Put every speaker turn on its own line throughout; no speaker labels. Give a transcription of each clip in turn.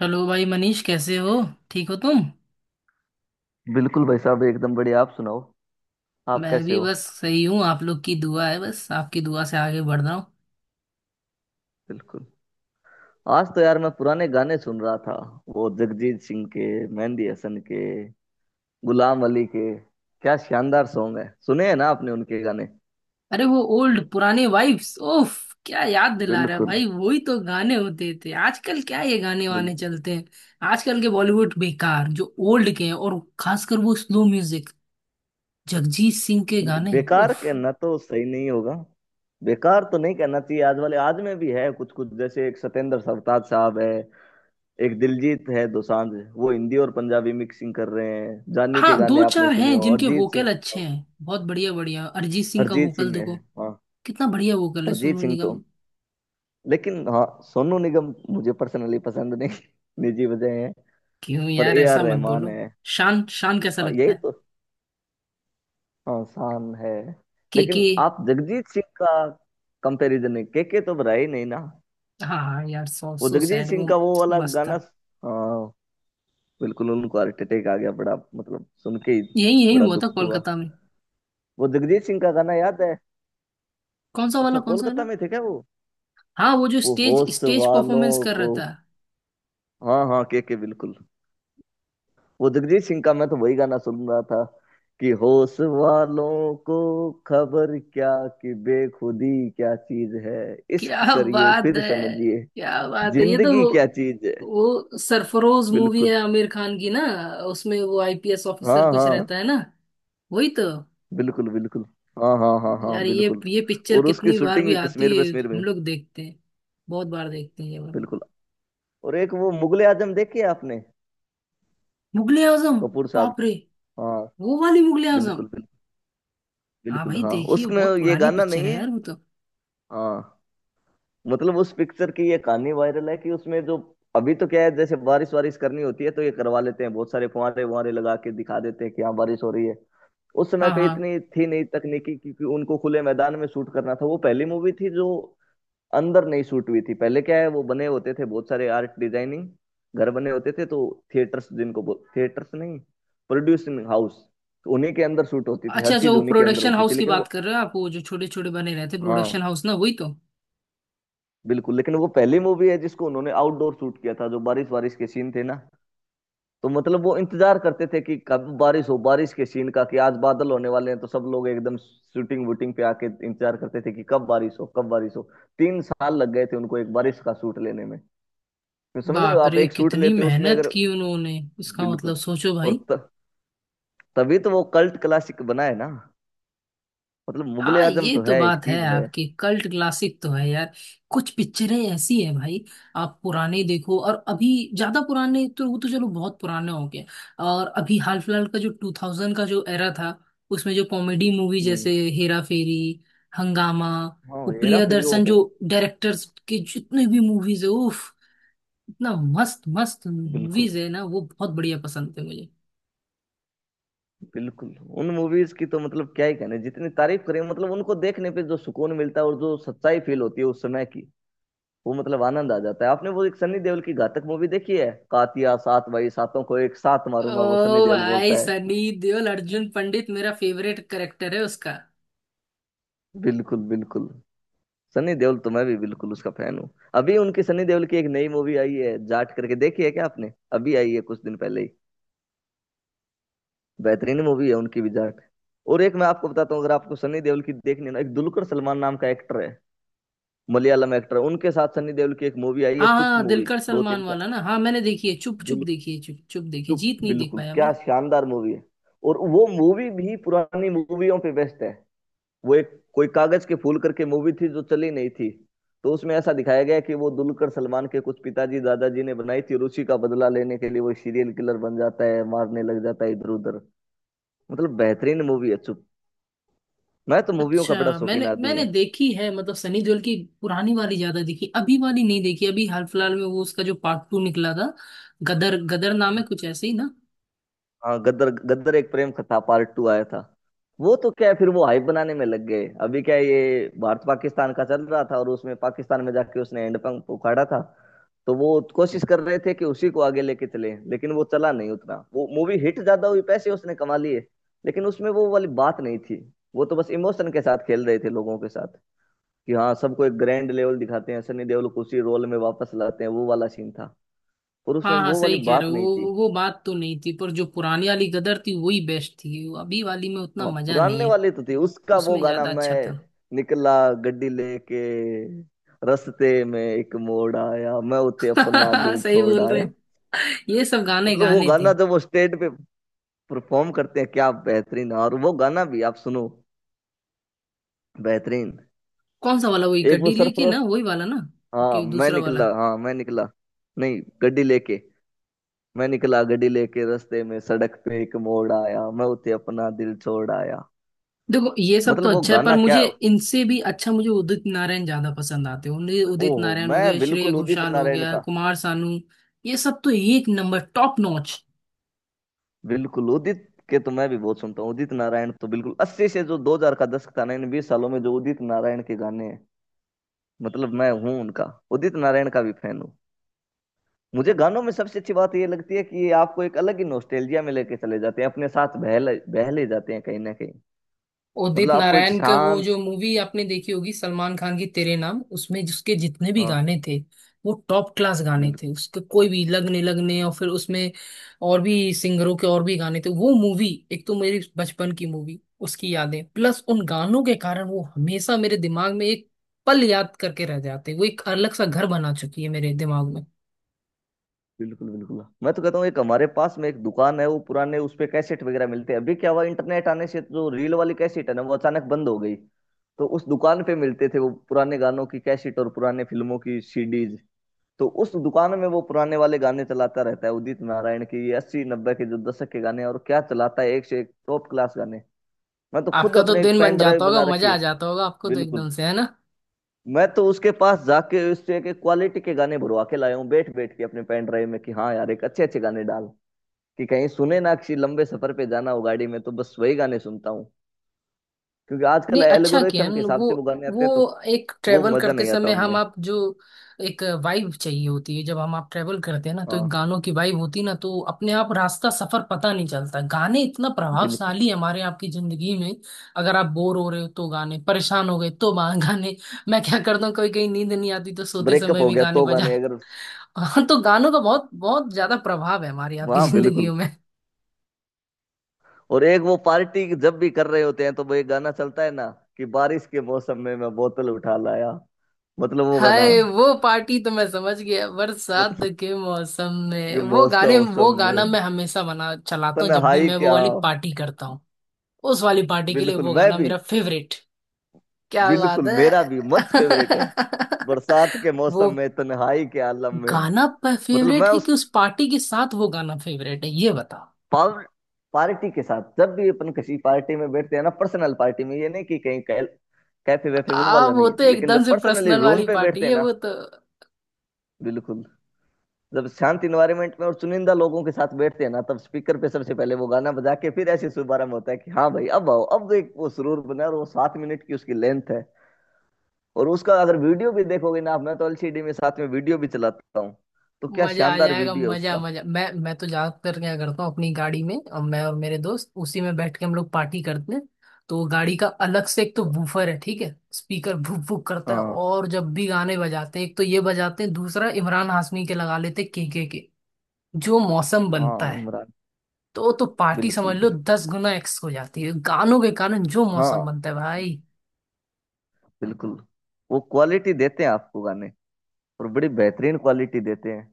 Hello भाई मनीष, कैसे हो? ठीक हो तुम?
बिल्कुल भाई साहब, एकदम बढ़िया। आप सुनाओ, आप
मैं
कैसे
भी
हो?
बस सही हूँ, आप लोग की दुआ है। बस आपकी दुआ से आगे बढ़ रहा हूँ।
बिल्कुल। आज तो यार मैं पुराने गाने सुन रहा था। वो जगजीत सिंह के, मेहंदी हसन के, गुलाम अली के, क्या शानदार सॉन्ग है। सुने हैं ना आपने उनके गाने?
अरे वो ओल्ड पुराने वाइब्स ओफ, क्या याद दिला रहा है
बिल्कुल,
भाई। वही तो गाने होते थे। आजकल क्या ये गाने वाने
बिल्कुल।
चलते हैं? आजकल के बॉलीवुड बेकार, जो ओल्ड के हैं, और खासकर वो स्लो म्यूजिक, जगजीत सिंह के गाने,
बेकार
उफ।
कहना तो सही नहीं होगा। बेकार तो नहीं कहना चाहिए, आज वाले आज में भी है कुछ कुछ। जैसे एक सतेंद्र सरताज साहब है, एक दिलजीत है दोसांझ, वो हिंदी और पंजाबी मिक्सिंग कर रहे हैं, जानी के
हाँ,
गाने
दो
आपने
चार
सुने
हैं
हो?
जिनके
अरिजीत सिंह,
वोकल अच्छे हैं, बहुत बढ़िया बढ़िया, अरिजीत सिंह का
हरजीत
वोकल
सिंह है।
देखो,
हाँ।
कितना बढ़िया वोकल है।
अरिजीत
सोनू
सिंह
निगम।
तो, लेकिन हाँ, सोनू निगम मुझे पर्सनली पसंद नहीं निजी वजह है।
क्यों
पर
यार,
ए
ऐसा
आर
मत
रहमान
बोलो।
है।
शान, शान कैसा
हाँ,
लगता
यही
है?
तो। हाँ, शान है।
के के।
लेकिन आप जगजीत सिंह का, कंपैरिजन है? के तो रहा ही नहीं ना।
हाँ हाँ यार,
वो
सो
जगजीत
सैड
सिंह
वो।
का वो वाला
मस्त था।
गाना। हाँ, बिल्कुल। उनको हार्ट अटैक आ गया, बड़ा मतलब सुन के ही
यही यही
बड़ा
हुआ था
दुख हुआ।
कोलकाता में।
वो जगजीत सिंह का गाना याद है?
कौन सा वाला?
अच्छा,
कौन सा है
कोलकाता
ना।
में थे क्या वो?
हाँ, वो जो
वो
स्टेज
होश
स्टेज
वालों
परफॉर्मेंस कर रहा
को,
था।
हाँ हाँ, के, बिल्कुल। वो जगजीत सिंह का मैं तो वही गाना सुन रहा था, कि होश वालों को खबर क्या, कि बेखुदी क्या चीज है,
क्या
इश्क करिए
बात
फिर
है।
समझिए
क्या बात है, ये तो
जिंदगी क्या चीज है।
वो सरफरोश मूवी
बिल्कुल।
है आमिर खान की ना। उसमें वो आईपीएस ऑफिसर
हाँ
कुछ
हाँ,
रहता है ना। वही तो।
बिल्कुल बिल्कुल। हाँ हाँ हाँ हाँ,
यार ये
बिल्कुल।
ये पिक्चर
और उसकी
कितनी बार
शूटिंग
भी
भी
आती
कश्मीर
है,
वश्मीर में।
हम लोग देखते हैं। बहुत बार देखते हैं ये वाली।
बिल्कुल। और एक वो मुगले आजम देखी है आपने?
मुगले आजम।
कपूर साहब
बाप
की।
रे।
हाँ,
वो वाली मुगले आजम।
बिल्कुल बिल्कुल।
हाँ
बिल्कुल
भाई,
हाँ,
देखिए वो
उसमें
बहुत
ये
पुरानी
गाना
पिक्चर
नहीं
है
है।
यार, वो तो।
हाँ, मतलब उस पिक्चर की ये कहानी वायरल है कि उसमें जो, अभी तो क्या है जैसे बारिश वारिश करनी होती है तो ये करवा लेते हैं, बहुत सारे फुहारे वुहारे लगा के दिखा देते हैं कि यहाँ बारिश हो रही है। उस समय
हाँ
पे
हाँ।
इतनी थी नहीं तकनीकी, क्योंकि उनको खुले मैदान में शूट करना था। वो पहली मूवी थी जो अंदर नहीं शूट हुई थी। पहले क्या है, वो बने होते थे बहुत सारे आर्ट डिजाइनिंग घर बने होते थे, तो थिएटर्स जिनको बोल, थिएटर्स नहीं, प्रोड्यूसिंग हाउस, तो उन्हीं के अंदर शूट होती थी,
अच्छा
हर
अच्छा,
चीज
वो
उन्हीं के अंदर
प्रोडक्शन
होती थी।
हाउस की
लेकिन
बात
वो,
कर रहे हो आप, वो जो छोटे छोटे बने रहते प्रोडक्शन
हाँ,
हाउस ना, वही तो।
बिल्कुल। लेकिन वो पहली मूवी है जिसको उन्होंने आउटडोर शूट किया था, जो बारिश बारिश के सीन थे ना, तो मतलब वो इंतजार करते थे कि कब बारिश हो। बारिश के सीन का, कि आज बादल होने वाले हैं तो सब लोग एकदम शूटिंग वूटिंग पे आके इंतजार करते थे कि कब बारिश हो, कब बारिश हो। 3 साल लग गए थे उनको एक बारिश का शूट लेने में। तो समझ रहे हो
बाप
आप,
रे,
एक शूट
कितनी
लेते हो उसमें
मेहनत
अगर,
की उन्होंने, इसका
बिल्कुल।
मतलब सोचो
और
भाई।
त, तभी तो वो कल्ट क्लासिक बना है ना। मतलब मुगले
हाँ,
आजम
ये
तो
तो
है, एक
बात है
चीज है।
आपकी, कल्ट क्लासिक तो है यार। कुछ पिक्चरें ऐसी हैं भाई, आप पुराने देखो और अभी, ज्यादा पुराने तो वो तो चलो बहुत पुराने हो गए। और अभी हाल फिलहाल का जो 2000 का जो एरा था, उसमें जो कॉमेडी मूवी, जैसे
हम्म।
हेरा फेरी, हंगामा,
हाँ,
वो
हेरा फेरी वो
प्रियदर्शन जो
हो।
डायरेक्टर्स के जितने भी मूवीज है, उफ, इतना मस्त मस्त
बिल्कुल
मूवीज है ना वो, बहुत बढ़िया पसंद थे मुझे।
बिल्कुल, उन मूवीज की तो मतलब क्या ही कहने, जितनी तारीफ करें। मतलब उनको देखने पे जो सुकून मिलता है और जो सच्चाई फील होती है उस समय की, वो मतलब आनंद आ जाता है। आपने वो एक सनी देओल की घातक मूवी देखी है? कातिया, सात भाई सातों को एक साथ मारूंगा, वो सनी
ओ
देओल
भाई,
बोलता है।
सनी देओल अर्जुन पंडित मेरा फेवरेट करेक्टर है उसका।
बिल्कुल बिल्कुल। सनी देओल तो मैं भी बिल्कुल उसका फैन हूँ। अभी उनकी सनी देओल की एक नई मूवी आई है जाट करके, देखी है क्या आपने? अभी आई है कुछ दिन पहले ही। बेहतरीन मूवी है उनकी भी, जाट। और एक मैं आपको बताता हूँ, अगर आपको सनी देओल की देखनी है ना, एक दुलकर सलमान नाम का एक्टर है, मलयालम एक्टर, उनके साथ सनी देओल की एक मूवी आई है
हाँ
चुप,
हाँ,
मूवी
दिलकर
दो
सलमान
तीन से।
वाला ना। हाँ मैंने देखी है, चुप चुप
दुल
देखी है, चुप चुप देखी है,
चुप,
जीत नहीं देख
बिल्कुल,
पाया मैं।
क्या शानदार मूवी है। और वो मूवी भी पुरानी मूवियों पे बेस्ट है। वो एक कोई कागज के फूल करके मूवी थी जो चली नहीं थी। तो उसमें ऐसा दिखाया गया कि वो दुलकर सलमान के कुछ पिताजी दादाजी ने बनाई थी, और उसी का बदला लेने के लिए वो सीरियल किलर बन जाता है, मारने लग जाता है इधर उधर। मतलब बेहतरीन मूवी है चुप। मैं तो मूवियों का बड़ा
अच्छा,
शौकीन
मैंने
आदमी
मैंने
हूँ।
देखी है, मतलब सनी देओल की पुरानी वाली ज्यादा देखी, अभी वाली नहीं देखी। अभी हाल फिलहाल में वो, उसका जो पार्ट टू निकला था, गदर, गदर नाम है कुछ ऐसे ही ना।
हाँ, गदर, गदर एक प्रेम कथा पार्ट टू आया था। वो तो क्या है, फिर वो हाइप बनाने में लग गए। अभी क्या है, ये भारत पाकिस्तान का चल रहा था और उसमें पाकिस्तान में जाके उसने हैंडपंप उखाड़ा था। तो वो कोशिश कर रहे थे कि उसी को आगे लेके चले, लेकिन वो चला नहीं उतना। वो मूवी हिट ज्यादा हुई, पैसे उसने कमा लिए, लेकिन उसमें वो वाली बात नहीं थी। वो तो बस इमोशन के साथ खेल रहे थे लोगों के साथ, कि हाँ सबको एक ग्रैंड लेवल दिखाते हैं, सनी देओल को उसी रोल में वापस लाते हैं, वो वाला सीन था। और उसमें
हाँ हाँ
वो वाली
सही कह रहे
बात
हो,
नहीं थी।
वो बात तो नहीं थी, पर जो पुरानी वाली गदर थी वही बेस्ट थी। वो अभी वाली में उतना
हाँ,
मजा नहीं
पुराने
है।
वाले तो थे। उसका वो
उसमें
गाना,
ज्यादा
मैं
अच्छा था।
निकला गड्डी लेके, रस्ते में एक मोड़ आया, मैं उते अपना दिल
सही
छोड़
बोल रहे।
आया।
ये सब गाने
मतलब वो
गाने थे।
गाना, जब वो स्टेज पे परफॉर्म करते हैं, क्या बेहतरीन। और वो गाना भी आप सुनो, बेहतरीन।
कौन सा वाला? वही
एक वो
गड्डी लेके
सरफरोश,
ना, वही वाला ना?
हाँ
ओके,
मैं
दूसरा वाला।
निकला, हाँ मैं निकला, नहीं गड्डी लेके, मैं निकला गड्डी लेके रास्ते में सड़क पे एक मोड़ आया, मैं उते अपना दिल छोड़ आया।
देखो ये सब तो
मतलब वो
अच्छा है, पर
गाना, क्या।
मुझे इनसे भी अच्छा, मुझे उदित नारायण ज्यादा पसंद आते हैं, उन्हें। उदित
ओहो,
नारायण हो
मैं
गए, श्रेया
बिल्कुल उदित
घोषाल हो
नारायण
गया,
का।
कुमार सानू, ये सब तो एक नंबर टॉप नॉच।
बिल्कुल, उदित के तो मैं भी बहुत सुनता हूँ। उदित नारायण तो बिल्कुल, 80 से जो 2000 का दशक था ना, इन 20 सालों में जो उदित नारायण के गाने हैं, मतलब मैं हूँ उनका, उदित नारायण का भी फैन हूँ। मुझे गानों में सबसे अच्छी बात ये लगती है कि ये आपको एक अलग ही नोस्टेल्जिया में लेके चले जाते हैं, अपने साथ बह ले जाते हैं कहीं ना कहीं। मतलब
उदित
आपको एक
नारायण का वो
शांत,
जो मूवी आपने देखी होगी, सलमान खान की तेरे नाम, उसमें जिसके जितने भी
हाँ,
गाने थे, वो टॉप क्लास गाने
बिल्कुल
थे उसके, कोई भी लगने लगने, और फिर उसमें और भी सिंगरों के और भी गाने थे। वो मूवी एक तो मेरी बचपन की मूवी, उसकी यादें प्लस उन गानों के कारण वो हमेशा मेरे दिमाग में, एक पल याद करके रह जाते, वो एक अलग सा घर बना चुकी है मेरे दिमाग में।
बिल्कुल। बिल्कुल, मैं तो कहता हूँ एक हमारे पास में एक दुकान है, वो पुराने, उस पे कैसेट वगैरह मिलते हैं। अभी क्या हुआ, इंटरनेट आने से जो रील वाली कैसेट है ना, वो अचानक बंद हो गई। तो उस दुकान पे मिलते थे वो पुराने गानों की कैसेट और पुराने फिल्मों की सीडीज। तो उस दुकान में वो पुराने वाले गाने चलाता रहता है, उदित नारायण की 80 90 के जो दशक के गाने हैं, और क्या चलाता है, एक से एक टॉप क्लास गाने। मैं तो खुद
आपका तो
अपने एक
दिन बन
पेन ड्राइव
जाता होगा,
बना रखी
मजा आ
है।
जाता होगा आपको तो
बिल्कुल।
एकदम से, है ना?
मैं तो उसके पास जाके उससे एक क्वालिटी के गाने भरवा के लाया हूँ, बैठ बैठ के अपने पेन ड्राइव में, कि हाँ यार एक अच्छे अच्छे गाने डाल, कि कहीं सुने ना, किसी लंबे सफर पे जाना हो गाड़ी में तो बस वही गाने सुनता हूँ। क्योंकि आजकल
नहीं, अच्छा किया
एल्गोरिथम के
न,
हिसाब से वो
वो
गाने आते हैं, तो
वो एक
वो
ट्रेवल
मजा
करते
नहीं आता
समय हम
उनमें।
आप जो, एक वाइब चाहिए होती है। जब हम आप ट्रेवल करते हैं ना, तो एक
हाँ,
गानों की वाइब होती है ना, तो अपने आप रास्ता सफर पता नहीं चलता। गाने इतना
बिल्कुल।
प्रभावशाली है हमारे आपकी जिंदगी में। अगर आप बोर हो रहे हो तो गाने, परेशान हो गए तो गाने। मैं क्या करता हूँ, कभी कहीं नींद नहीं आती तो सोते
ब्रेकअप
समय
हो
भी
गया
गाने
तो
बजा।
गाने, अगर,
हाँ, तो गानों का बहुत बहुत ज्यादा प्रभाव है हमारी आपकी
हाँ
जिंदगी।
बिल्कुल। और एक वो, पार्टी जब भी कर रहे होते हैं तो वो एक गाना चलता है ना, कि बारिश के मौसम में मैं बोतल उठा लाया। मतलब वो गाना,
हाय, वो पार्टी तो मैं समझ गया, बरसात
बोतल
के मौसम में।
के
वो
मौसम
गाने, वो
मौसम
गाना
में,
मैं हमेशा बना चलाता हूँ, जब भी
तन्हाई
मैं वो
क्या।
वाली पार्टी करता हूँ। उस वाली पार्टी के लिए
बिल्कुल,
वो
मैं
गाना
भी।
मेरा फेवरेट। क्या बात
बिल्कुल मेरा भी
है।
मस्त फेवरेट है, बरसात के
वो
मौसम में तन्हाई के आलम में।
गाना
मतलब मैं
फेवरेट है
उस,
कि उस पार्टी के साथ वो गाना फेवरेट है, ये बताओ।
पावर, पार्टी के साथ जब भी अपन किसी पार्टी में बैठते हैं ना, पर्सनल पार्टी में, ये नहीं कि कहीं कैफे वैफे, वो
आ,
वाला
वो
नहीं।
तो
लेकिन
एकदम
जब
से
पर्सनली
पर्सनल
रूम
वाली
पे बैठते
पार्टी
हैं
है
ना,
वो तो।
बिल्कुल, जब शांत इन्वायरमेंट में और चुनिंदा लोगों के साथ बैठते हैं ना, तब स्पीकर पे सबसे पहले वो गाना बजा के फिर ऐसे शुभारंभ होता है, कि हाँ भाई अब आओ, अब एक वो सुरूर बना। और वो 7 मिनट की उसकी लेंथ है। और उसका अगर वीडियो भी देखोगे ना आप, मैं तो एलसीडी में साथ में वीडियो भी चलाता हूँ। तो क्या
मजा आ
शानदार
जाएगा,
वीडियो है
मजा
उसका।
मजा। मैं तो ज्यादातर क्या करता हूँ, अपनी गाड़ी में, और मैं और मेरे दोस्त उसी में बैठ के हम लोग पार्टी करते हैं। तो गाड़ी का अलग से एक तो वूफर है ठीक है, स्पीकर भुक भुक करता है,
हाँ
और जब भी गाने बजाते हैं, एक तो ये बजाते हैं, दूसरा इमरान हाशमी के लगा लेते हैं, के, जो मौसम बनता
हाँ,
है,
इमरान,
तो पार्टी
बिल्कुल
समझ लो
बिल्कुल।
10 गुना एक्स हो जाती है। गानों के कारण जो मौसम
हाँ,
बनता है भाई,
बिल्कुल, वो क्वालिटी देते हैं आपको गाने, और बड़ी बेहतरीन क्वालिटी देते हैं।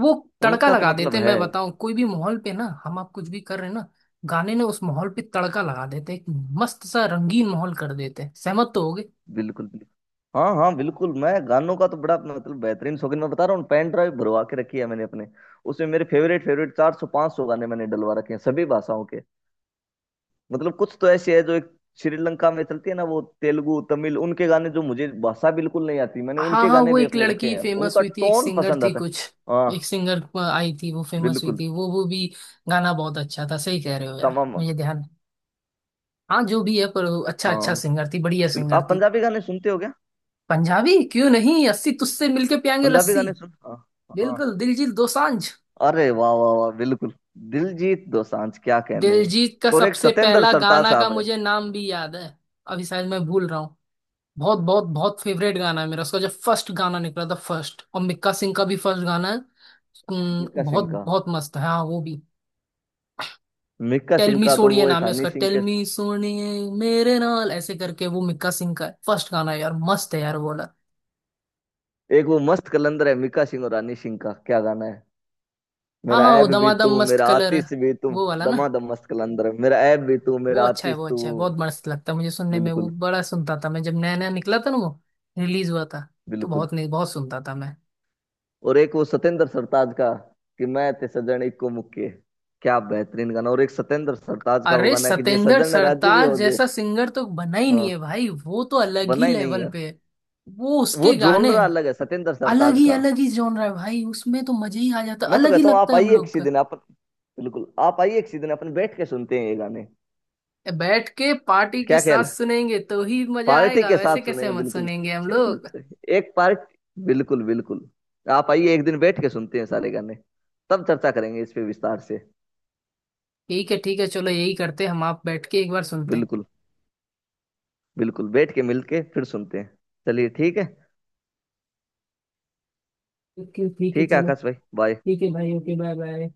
वो तड़का
उनका तो
लगा देते
मतलब
हैं।
है,
मैं बताऊं, कोई भी माहौल पे ना हम आप कुछ भी कर रहे हैं ना, गाने ने उस माहौल पे तड़का लगा देते हैं, एक मस्त सा रंगीन माहौल कर देते हैं। सहमत तो होगे।
बिल्कुल बिल्कुल। हाँ हाँ, बिल्कुल। मैं गानों का तो बड़ा मतलब बेहतरीन शौकीन, मैं बता रहा हूँ पेन ड्राइव भरवा के रखी है मैंने अपने, उसमें मेरे फेवरेट फेवरेट 400 500 गाने मैंने डलवा रखे हैं, सभी भाषाओं के। मतलब कुछ तो ऐसे है जो एक, श्रीलंका में चलती है ना, वो तेलुगु तमिल, उनके गाने जो मुझे भाषा बिल्कुल नहीं आती, मैंने
हाँ
उनके
हाँ,
गाने
वो
भी
एक
अपने रखे
लड़की
हैं,
फेमस
उनका
हुई थी, एक
टोन
सिंगर
पसंद
थी
आता है।
कुछ, एक
हाँ,
सिंगर आई थी, वो फेमस हुई
बिल्कुल।
थी वो भी गाना बहुत अच्छा था। सही कह रहे हो यार,
तमाम,
मुझे ध्यान। हाँ जो भी है, पर वो अच्छा, अच्छा
हाँ,
सिंगर थी, बढ़िया
बिल्कुल।
सिंगर
आप
थी।
पंजाबी गाने सुनते हो क्या?
पंजाबी, क्यों नहीं, अस्सी तुझसे मिलके पियांगे
पंजाबी
लस्सी।
गाने सुन, हाँ, हाँ।
बिल्कुल, दिलजीत दोसांझ।
अरे वाह वाह वाह, बिल्कुल। दिलजीत दोसांझ क्या कहने हैं।
दिलजीत का
और एक
सबसे
सतेंद्र
पहला
सरताज
गाना का
साहब है।
मुझे नाम भी याद है, अभी शायद मैं भूल रहा हूँ। बहुत बहुत बहुत फेवरेट गाना है मेरा, उसका जब फर्स्ट गाना निकला था, फर्स्ट। और मिक्का सिंह का भी फर्स्ट गाना है।
मिक्का
बहुत
सिंह का,
बहुत मस्त है, हाँ वो भी।
मिक्का
टेल
सिंह
मी
का तो
सोनिए
वो एक,
नाम है
हनी
उसका,
सिंह
टेल
के।
मी सोनिए मेरे नाल ऐसे करके, वो मिक्का सिंह का फर्स्ट गाना है यार, मस्त है यार वो वाला।
एक वो मस्त कलंदर है, मिक्का सिंह और हनी सिंह का, क्या गाना है,
हाँ
मेरा
हाँ, वो
ऐब भी
दमादम
तू,
मस्त
मेरा
कलर है,
आतिश भी तू।
वो वाला ना?
दमादम मस्त कलंदर है, मेरा ऐब भी तू,
वो
मेरा
अच्छा है,
आतिश
वो
तू।
अच्छा है, बहुत मस्त लगता है मुझे सुनने में वो।
बिल्कुल
बड़ा सुनता था मैं जब नया नया निकला था ना वो, रिलीज हुआ था। तो
बिल्कुल।
बहुत नहीं, बहुत सुनता था मैं।
और एक वो सतेंद्र सरताज का, कि मैं ते सजन इक्को मुक्के, क्या बेहतरीन गाना। और एक सतेंद्र सरताज का वो
अरे
गाना है, कि जे
सतेंद्र
सजन राजी भी
सरताज
हो जे।
जैसा सिंगर तो बना ही नहीं
हाँ,
है भाई, वो तो अलग ही
बना ही नहीं
लेवल
है।
पे है। वो
वो
उसके गाने,
जोनरा अलग है सतेंद्र
अलग
सरताज
ही,
का।
अलग ही जॉनर है भाई, उसमें तो मजा ही आ जाता है,
मैं तो
अलग ही
कहता हूँ
लगता
आप
है हम
आइए
लोग
किसी
का।
दिन, आप, बिल्कुल, आप आइए किसी दिन, अपन बैठ के सुनते हैं ये गाने।
ए, बैठ के पार्टी के
क्या
साथ
ख्याल है?
सुनेंगे तो ही मजा
पार्टी
आएगा,
के साथ
वैसे कैसे
सुनेंगे,
मत
बिल्कुल।
सुनेंगे हम लोग।
सिर्फ एक पार्टी, बिल्कुल बिल्कुल। आप आइए एक दिन, बैठ के सुनते हैं सारे गाने, तब चर्चा करेंगे इस पे विस्तार से।
ठीक है चलो, यही करते हैं, हम आप बैठ के एक बार सुनते हैं।
बिल्कुल, बिल्कुल, बैठ के मिल के फिर सुनते हैं। चलिए ठीक है।
ठीक है
ठीक है
चलो।
आकाश भाई, बाय।
ठीक है भाई, ओके, बाय बाय।